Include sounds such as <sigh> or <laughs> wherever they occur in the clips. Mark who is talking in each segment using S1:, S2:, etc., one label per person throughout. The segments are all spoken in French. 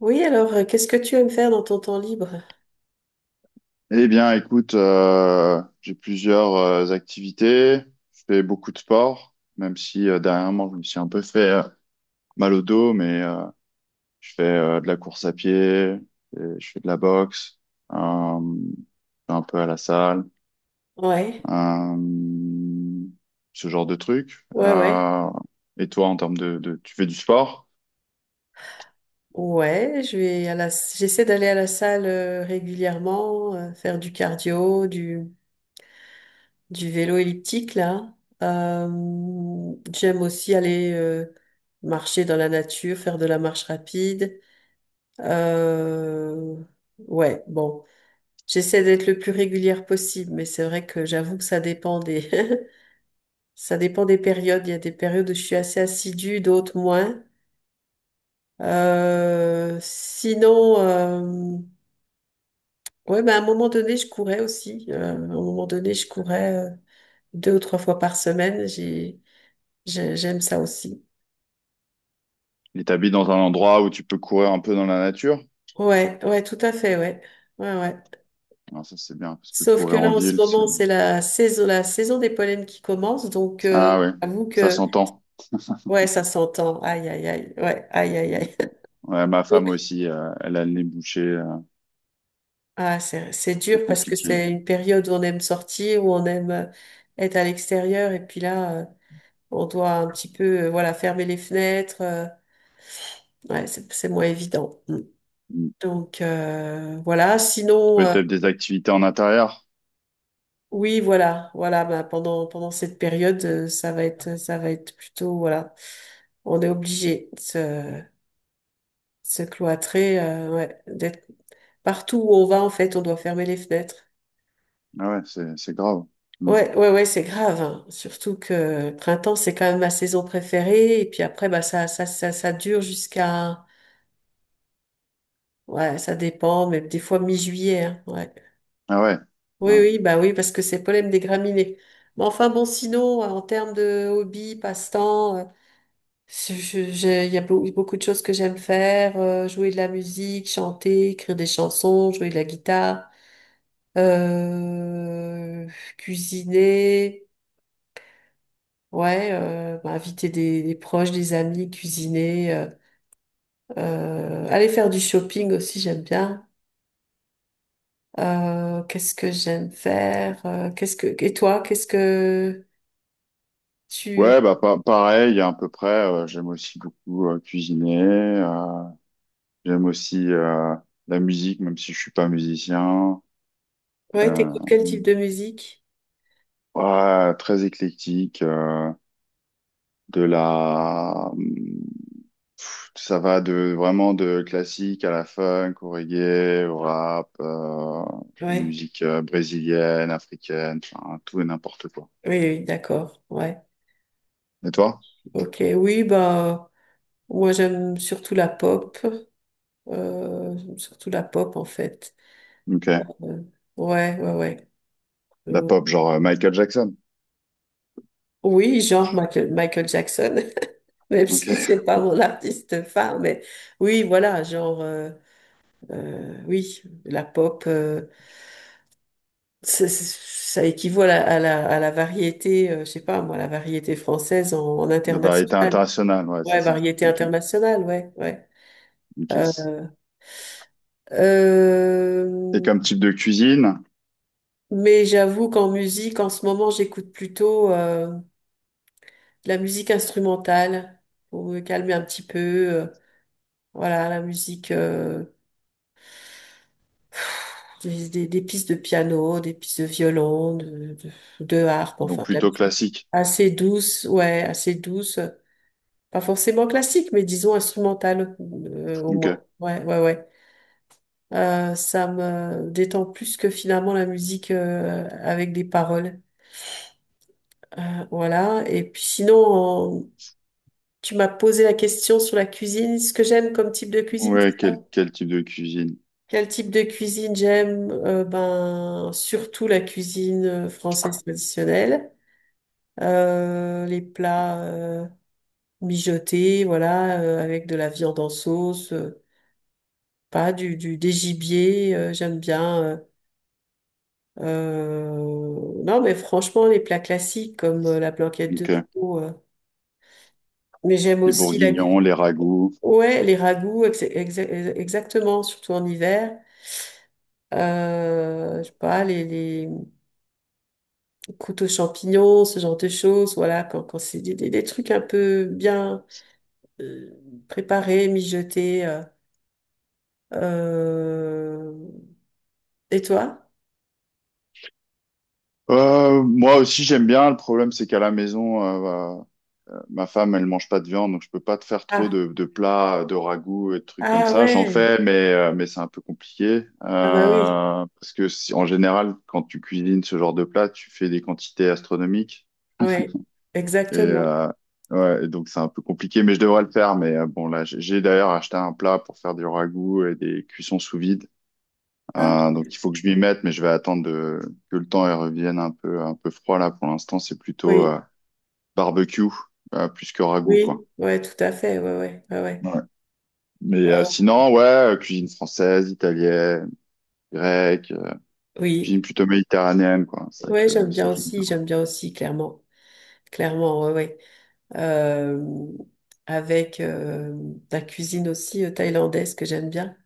S1: Oui, alors, qu'est-ce que tu aimes faire dans ton temps libre?
S2: Eh bien, écoute, j'ai plusieurs activités. Je fais beaucoup de sport, même si dernièrement, je me suis un peu fait mal au dos, je fais de la course à pied, et je fais de la boxe, euh, je vais un peu à la salle,
S1: Ouais,
S2: euh, ce genre de truc.
S1: ouais, ouais.
S2: Et toi, en termes de, tu fais du sport
S1: Ouais, je vais à la, j'essaie d'aller à la salle régulièrement, faire du cardio, du vélo elliptique, là. Euh, J'aime aussi aller marcher dans la nature, faire de la marche rapide. Euh, ouais, bon. J'essaie d'être le plus régulière possible, mais c'est vrai que j'avoue que <laughs> ça dépend des périodes. Il y a des périodes où je suis assez assidue, d'autres moins. Sinon, ouais, bah, à un moment donné, je courais aussi. À un moment donné, je courais deux ou trois fois par semaine. J'aime ça aussi.
S2: et t'habites dans un endroit où tu peux courir un peu dans la nature?
S1: Ouais, ouais, tout à fait, ouais. Ouais, ouais.
S2: Alors ça, c'est bien, parce que
S1: Sauf que
S2: courir
S1: là,
S2: en
S1: en ce
S2: ville, c'est...
S1: moment, c'est la saison des pollens qui commence. Donc,
S2: Ah ouais,
S1: j'avoue
S2: ça
S1: que,
S2: s'entend.
S1: ouais, ça s'entend. Aïe, aïe, aïe. Ouais, aïe, aïe, aïe.
S2: Ouais, ma
S1: <laughs>
S2: femme
S1: Donc,
S2: aussi, elle a le nez bouché,
S1: ah, c'est
S2: c'est
S1: dur parce que
S2: compliqué.
S1: c'est une période où on aime sortir, où on aime être à l'extérieur. Et puis là, on doit un petit peu, voilà, fermer les fenêtres. Ouais, c'est moins évident. Mm.
S2: Mm.
S1: Donc voilà.
S2: Peut-être des activités en intérieur.
S1: Oui, voilà, voilà. Bah, pendant cette période, ça va être plutôt voilà. On est obligé de se, se cloîtrer, ouais, d'être partout où on va en fait, on doit fermer les fenêtres.
S2: Ah ouais, c'est grave. Mm.
S1: Ouais, ouais, ouais, c'est grave, hein. Surtout que le printemps, c'est quand même ma saison préférée. Et puis après, bah ça dure jusqu'à ouais, ça dépend, mais des fois mi-juillet, hein, ouais.
S2: Ah ouais.
S1: Oui,
S2: Ah ouais.
S1: oui, bah oui, parce que c'est le problème des graminées. Mais enfin, bon, sinon, en termes de hobby, passe-temps, il y a beaucoup de choses que j'aime faire, jouer de la musique, chanter, écrire des chansons, jouer de la guitare, euh, cuisiner, ouais, bah, inviter des proches, des amis, cuisiner, aller faire du shopping aussi, j'aime bien. Qu'est-ce que j'aime faire? Qu'est-ce que et toi, qu'est-ce que tu
S2: Ouais, bah pareil, à peu près. J'aime aussi beaucoup cuisiner. euh, j'aime aussi la musique, même si je suis pas musicien.
S1: ouais,
S2: Euh,
S1: t'écoutes quel type de musique?
S2: ouais, très éclectique. De la ça va de vraiment de classique à la funk, au reggae, au rap,
S1: Ouais,
S2: musique brésilienne, africaine, enfin, tout et n'importe quoi.
S1: oui, oui, d'accord. Ouais,
S2: Et toi?
S1: ok, oui, bah moi j'aime surtout la pop, j'aime surtout la pop en fait.
S2: Ok. De
S1: Euh, ouais, ouais, ouais.
S2: la
S1: Euh,
S2: pop, genre Michael Jackson.
S1: oui, genre Michael Jackson, <laughs> même si
S2: Ok.
S1: c'est pas mon artiste phare, mais oui, voilà, genre oui, la pop. Ça, ça équivaut à à la variété, je sais pas moi, la variété française en
S2: De variété
S1: international.
S2: internationale, ouais, c'est
S1: Ouais,
S2: ça.
S1: variété
S2: Ok.
S1: internationale, ouais, ouais.
S2: Ok.
S1: Euh,
S2: Et
S1: euh,
S2: comme type de cuisine?
S1: mais j'avoue qu'en musique, en ce moment, j'écoute plutôt de la musique instrumentale pour me calmer un petit peu. Voilà, la musique, des pistes de piano, des pistes de violon, de harpe, enfin,
S2: Donc
S1: de la
S2: plutôt
S1: musique
S2: classique.
S1: assez douce, ouais, assez douce. Pas forcément classique, mais disons instrumentale, au
S2: Ok.
S1: moins. Ouais, ouais, ouais. Ça me détend plus que finalement la musique avec des paroles. Voilà. Et puis sinon, en- tu m'as posé la question sur la cuisine, ce que j'aime comme type de cuisine, c'est
S2: Ouais, quel,
S1: ça?
S2: quel type de cuisine?
S1: Quel type de cuisine j'aime? Ben, surtout la cuisine française traditionnelle. Les plats mijotés, voilà, avec de la viande en sauce. Pas du, du des gibiers, j'aime bien. Non, mais franchement, les plats classiques comme la blanquette de
S2: Ok.
S1: veau. Mais j'aime
S2: Les
S1: aussi la,
S2: bourguignons, les ragoûts.
S1: ouais, les ragoûts, exactement, surtout en hiver. Je sais pas, les croûtes aux champignons, ce genre de choses. Voilà, quand c'est des trucs un peu bien euh, préparés, mijotés. Euh, Et toi?
S2: Moi aussi j'aime bien. Le problème c'est qu'à la maison, ma femme, elle mange pas de viande, donc je peux pas te faire trop
S1: Ah,
S2: de plats, de ragoûts et de trucs comme
S1: ah
S2: ça. J'en
S1: ouais.
S2: fais, mais c'est un peu compliqué.
S1: Ah bah oui.
S2: Parce que en général, quand tu cuisines ce genre de plat, tu fais des quantités astronomiques.
S1: Oui,
S2: Et,
S1: exactement.
S2: ouais, et donc c'est un peu compliqué, mais je devrais le faire. Mais bon, là, j'ai d'ailleurs acheté un plat pour faire du ragoût et des cuissons sous vide.
S1: Ah,
S2: Donc il faut que je m'y mette, mais je vais attendre de- que le temps elle revienne un peu froid là. Pour l'instant, c'est plutôt
S1: oui,
S2: barbecue plus que ragoût, quoi.
S1: oui, ouais, tout à fait, ouais, ouais, ouais, ouais.
S2: Mais
S1: Euh,
S2: sinon, ouais, cuisine française, italienne, grecque, cuisine
S1: oui,
S2: plutôt méditerranéenne, quoi. C'est vrai
S1: ouais,
S2: que ça, que j'aime
S1: j'aime bien aussi, clairement, clairement, ouais, ouais. Euh, avec la cuisine aussi thaïlandaise que j'aime bien.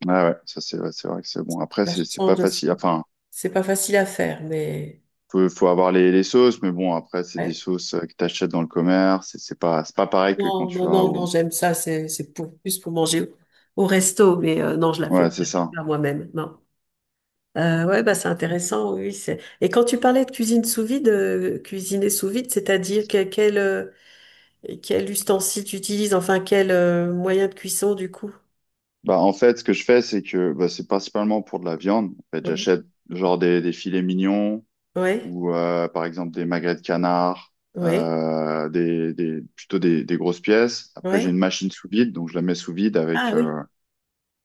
S2: bien. Ouais, ouais, ça c'est ouais, c'est vrai que c'est bon. Après,
S1: La
S2: c'est pas
S1: change aussi.
S2: facile. Enfin,
S1: C'est pas facile à faire, mais
S2: faut avoir les sauces, mais bon, après c'est des
S1: ouais.
S2: sauces que t'achètes dans le commerce. C'est pas pareil que quand
S1: Non,
S2: tu
S1: non,
S2: vas
S1: non, non,
S2: au.
S1: j'aime ça. C'est pour plus pour manger au resto, mais non,
S2: Ouais, c'est
S1: je la fais
S2: ça.
S1: pas moi-même. Non. Ouais, bah, c'est intéressant, oui. c'est- Et quand tu parlais de cuisine sous vide, cuisiner sous vide, c'est-à-dire que- quel, quel ustensile tu utilises, enfin quel moyen de cuisson du coup?
S2: Bah en fait, ce que je fais, c'est que bah, c'est principalement pour de la viande. En fait,
S1: Oui.
S2: j'achète genre des filets mignons.
S1: Ouais,
S2: Ou par exemple des magrets de canard,
S1: ouais,
S2: plutôt des grosses pièces. Après, j'ai une
S1: ouais.
S2: machine sous vide, donc je la mets sous vide
S1: Ah
S2: avec,
S1: oui,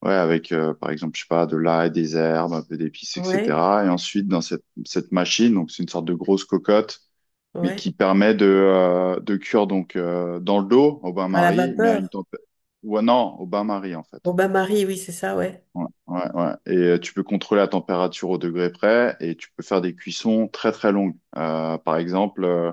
S2: ouais, avec par exemple, je sais pas, de l'ail, des herbes, un peu d'épices,
S1: ouais,
S2: etc. Et ensuite, dans cette, cette machine, donc c'est une sorte de grosse cocotte, mais
S1: ouais.
S2: qui permet de cuire donc dans le dos au
S1: À la
S2: bain-marie, mais à une
S1: vapeur.
S2: température... Ouais, non, au bain-marie en
S1: Au
S2: fait.
S1: bain-marie, oui, c'est ça, ouais.
S2: Ouais, ouais, ouais. Et tu peux contrôler la température au degré près et tu peux faire des cuissons très très longues. Par exemple,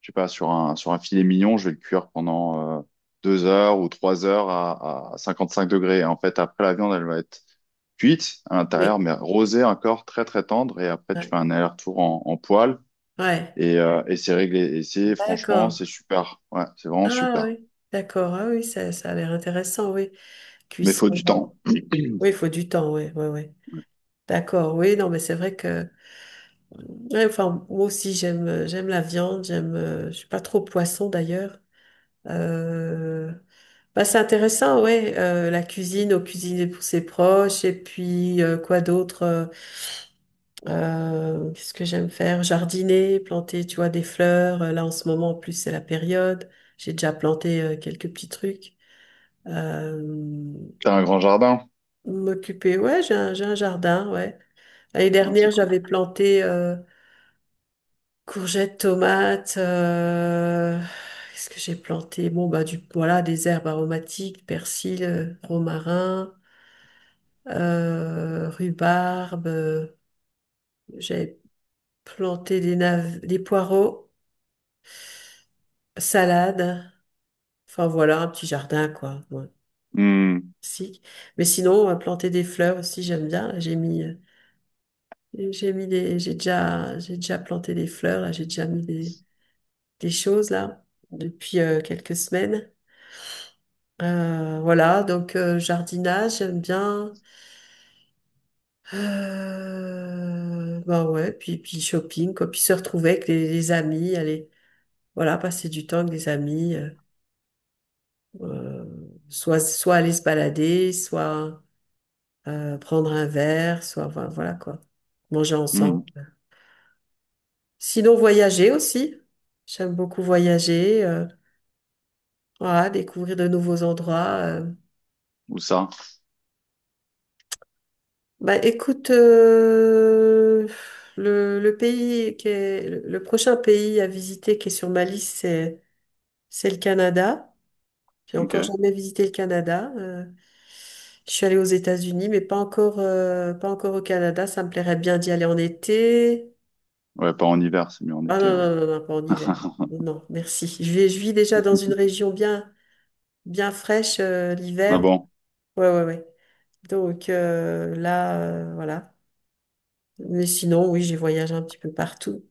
S2: je sais pas, sur un filet mignon, je vais le cuire pendant 2 heures ou 3 heures à 55 degrés. Et en fait, après, la viande, elle va être cuite à l'intérieur,
S1: Oui,
S2: mais rosée encore, très, très tendre. Et après, tu
S1: ouais.
S2: fais un aller-retour en, en poêle
S1: Ouais.
S2: et c'est réglé. Et c'est, franchement,
S1: D'accord.
S2: c'est super. Ouais, c'est vraiment
S1: Ah
S2: super.
S1: oui, d'accord. Ah oui, ça a l'air intéressant, oui.
S2: Mais faut du temps.
S1: Cuisson. Oui, il faut du temps, oui, oui, oui. D'accord, oui, non, mais c'est vrai que. Ouais, enfin, moi aussi, j'aime, j'aime la viande, j'aime, je suis pas trop poisson d'ailleurs. Euh, bah, c'est intéressant, ouais, la cuisine, au cuisiner pour ses proches, et puis, quoi d'autre, qu'est-ce que j'aime faire? Jardiner, planter, tu vois, des fleurs. Là, en ce moment, en plus, c'est la période. J'ai déjà planté, quelques petits trucs. Euh,
S2: T'as un grand jardin?
S1: m'occuper, ouais, j'ai un jardin, ouais. L'année
S2: Ah, c'est
S1: dernière,
S2: cool.
S1: j'avais planté, courgettes, tomates, qu'est-ce que j'ai planté? Bon, bah, voilà, des herbes aromatiques, persil, romarin, rhubarbe. J'ai planté des poireaux, salade. Enfin, voilà, un petit jardin, quoi. Ouais,
S2: Hmm,
S1: si. Mais sinon, on va planter des fleurs aussi, j'aime bien. Là, j'ai mis, j'ai déjà planté des fleurs, là, j'ai déjà mis des choses, là, depuis quelques semaines. Voilà, donc jardinage, j'aime bien. Bah ouais, puis shopping, quoi. Puis se retrouver avec les amis, aller, voilà, passer du temps avec des amis, euh, soit aller se balader, soit prendre un verre, soit voilà, voilà, quoi, manger
S2: hmm.
S1: ensemble. Sinon, voyager aussi. J'aime beaucoup voyager, voilà, découvrir de nouveaux endroits.
S2: Où ça?
S1: Bah, écoute, le prochain pays à visiter qui est sur ma liste, c'est le Canada. J'ai encore
S2: Ok.
S1: jamais visité le Canada. Je suis allée aux États-Unis, mais pas encore au Canada. Ça me plairait bien d'y aller en été.
S2: Ouais, pas en hiver, c'est mieux en
S1: Ah
S2: été,
S1: non,
S2: ouais.
S1: non, non, non, pas en hiver.
S2: <laughs>
S1: Non, merci. Je vis déjà dans une région bien, bien fraîche,
S2: Ah
S1: l'hiver.
S2: bon?
S1: Ouais, ouais, ouais. Donc là, voilà. Mais sinon, oui, j'ai voyagé un petit peu partout.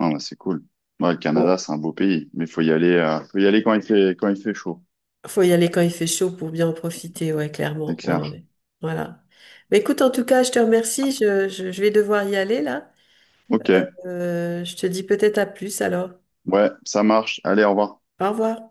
S2: Ah, bah, c'est cool. Ouais, le Canada,
S1: Bon,
S2: c'est un beau pays, mais faut y aller quand il fait chaud,
S1: faut y aller quand il fait chaud pour bien en profiter, ouais,
S2: c'est
S1: clairement. Ouais,
S2: clair.
S1: ouais. Voilà. Mais écoute, en tout cas, je te remercie. Je vais devoir y aller là.
S2: Ok,
S1: Je te dis peut-être à plus alors.
S2: ouais, ça marche. Allez, au revoir.
S1: Au revoir.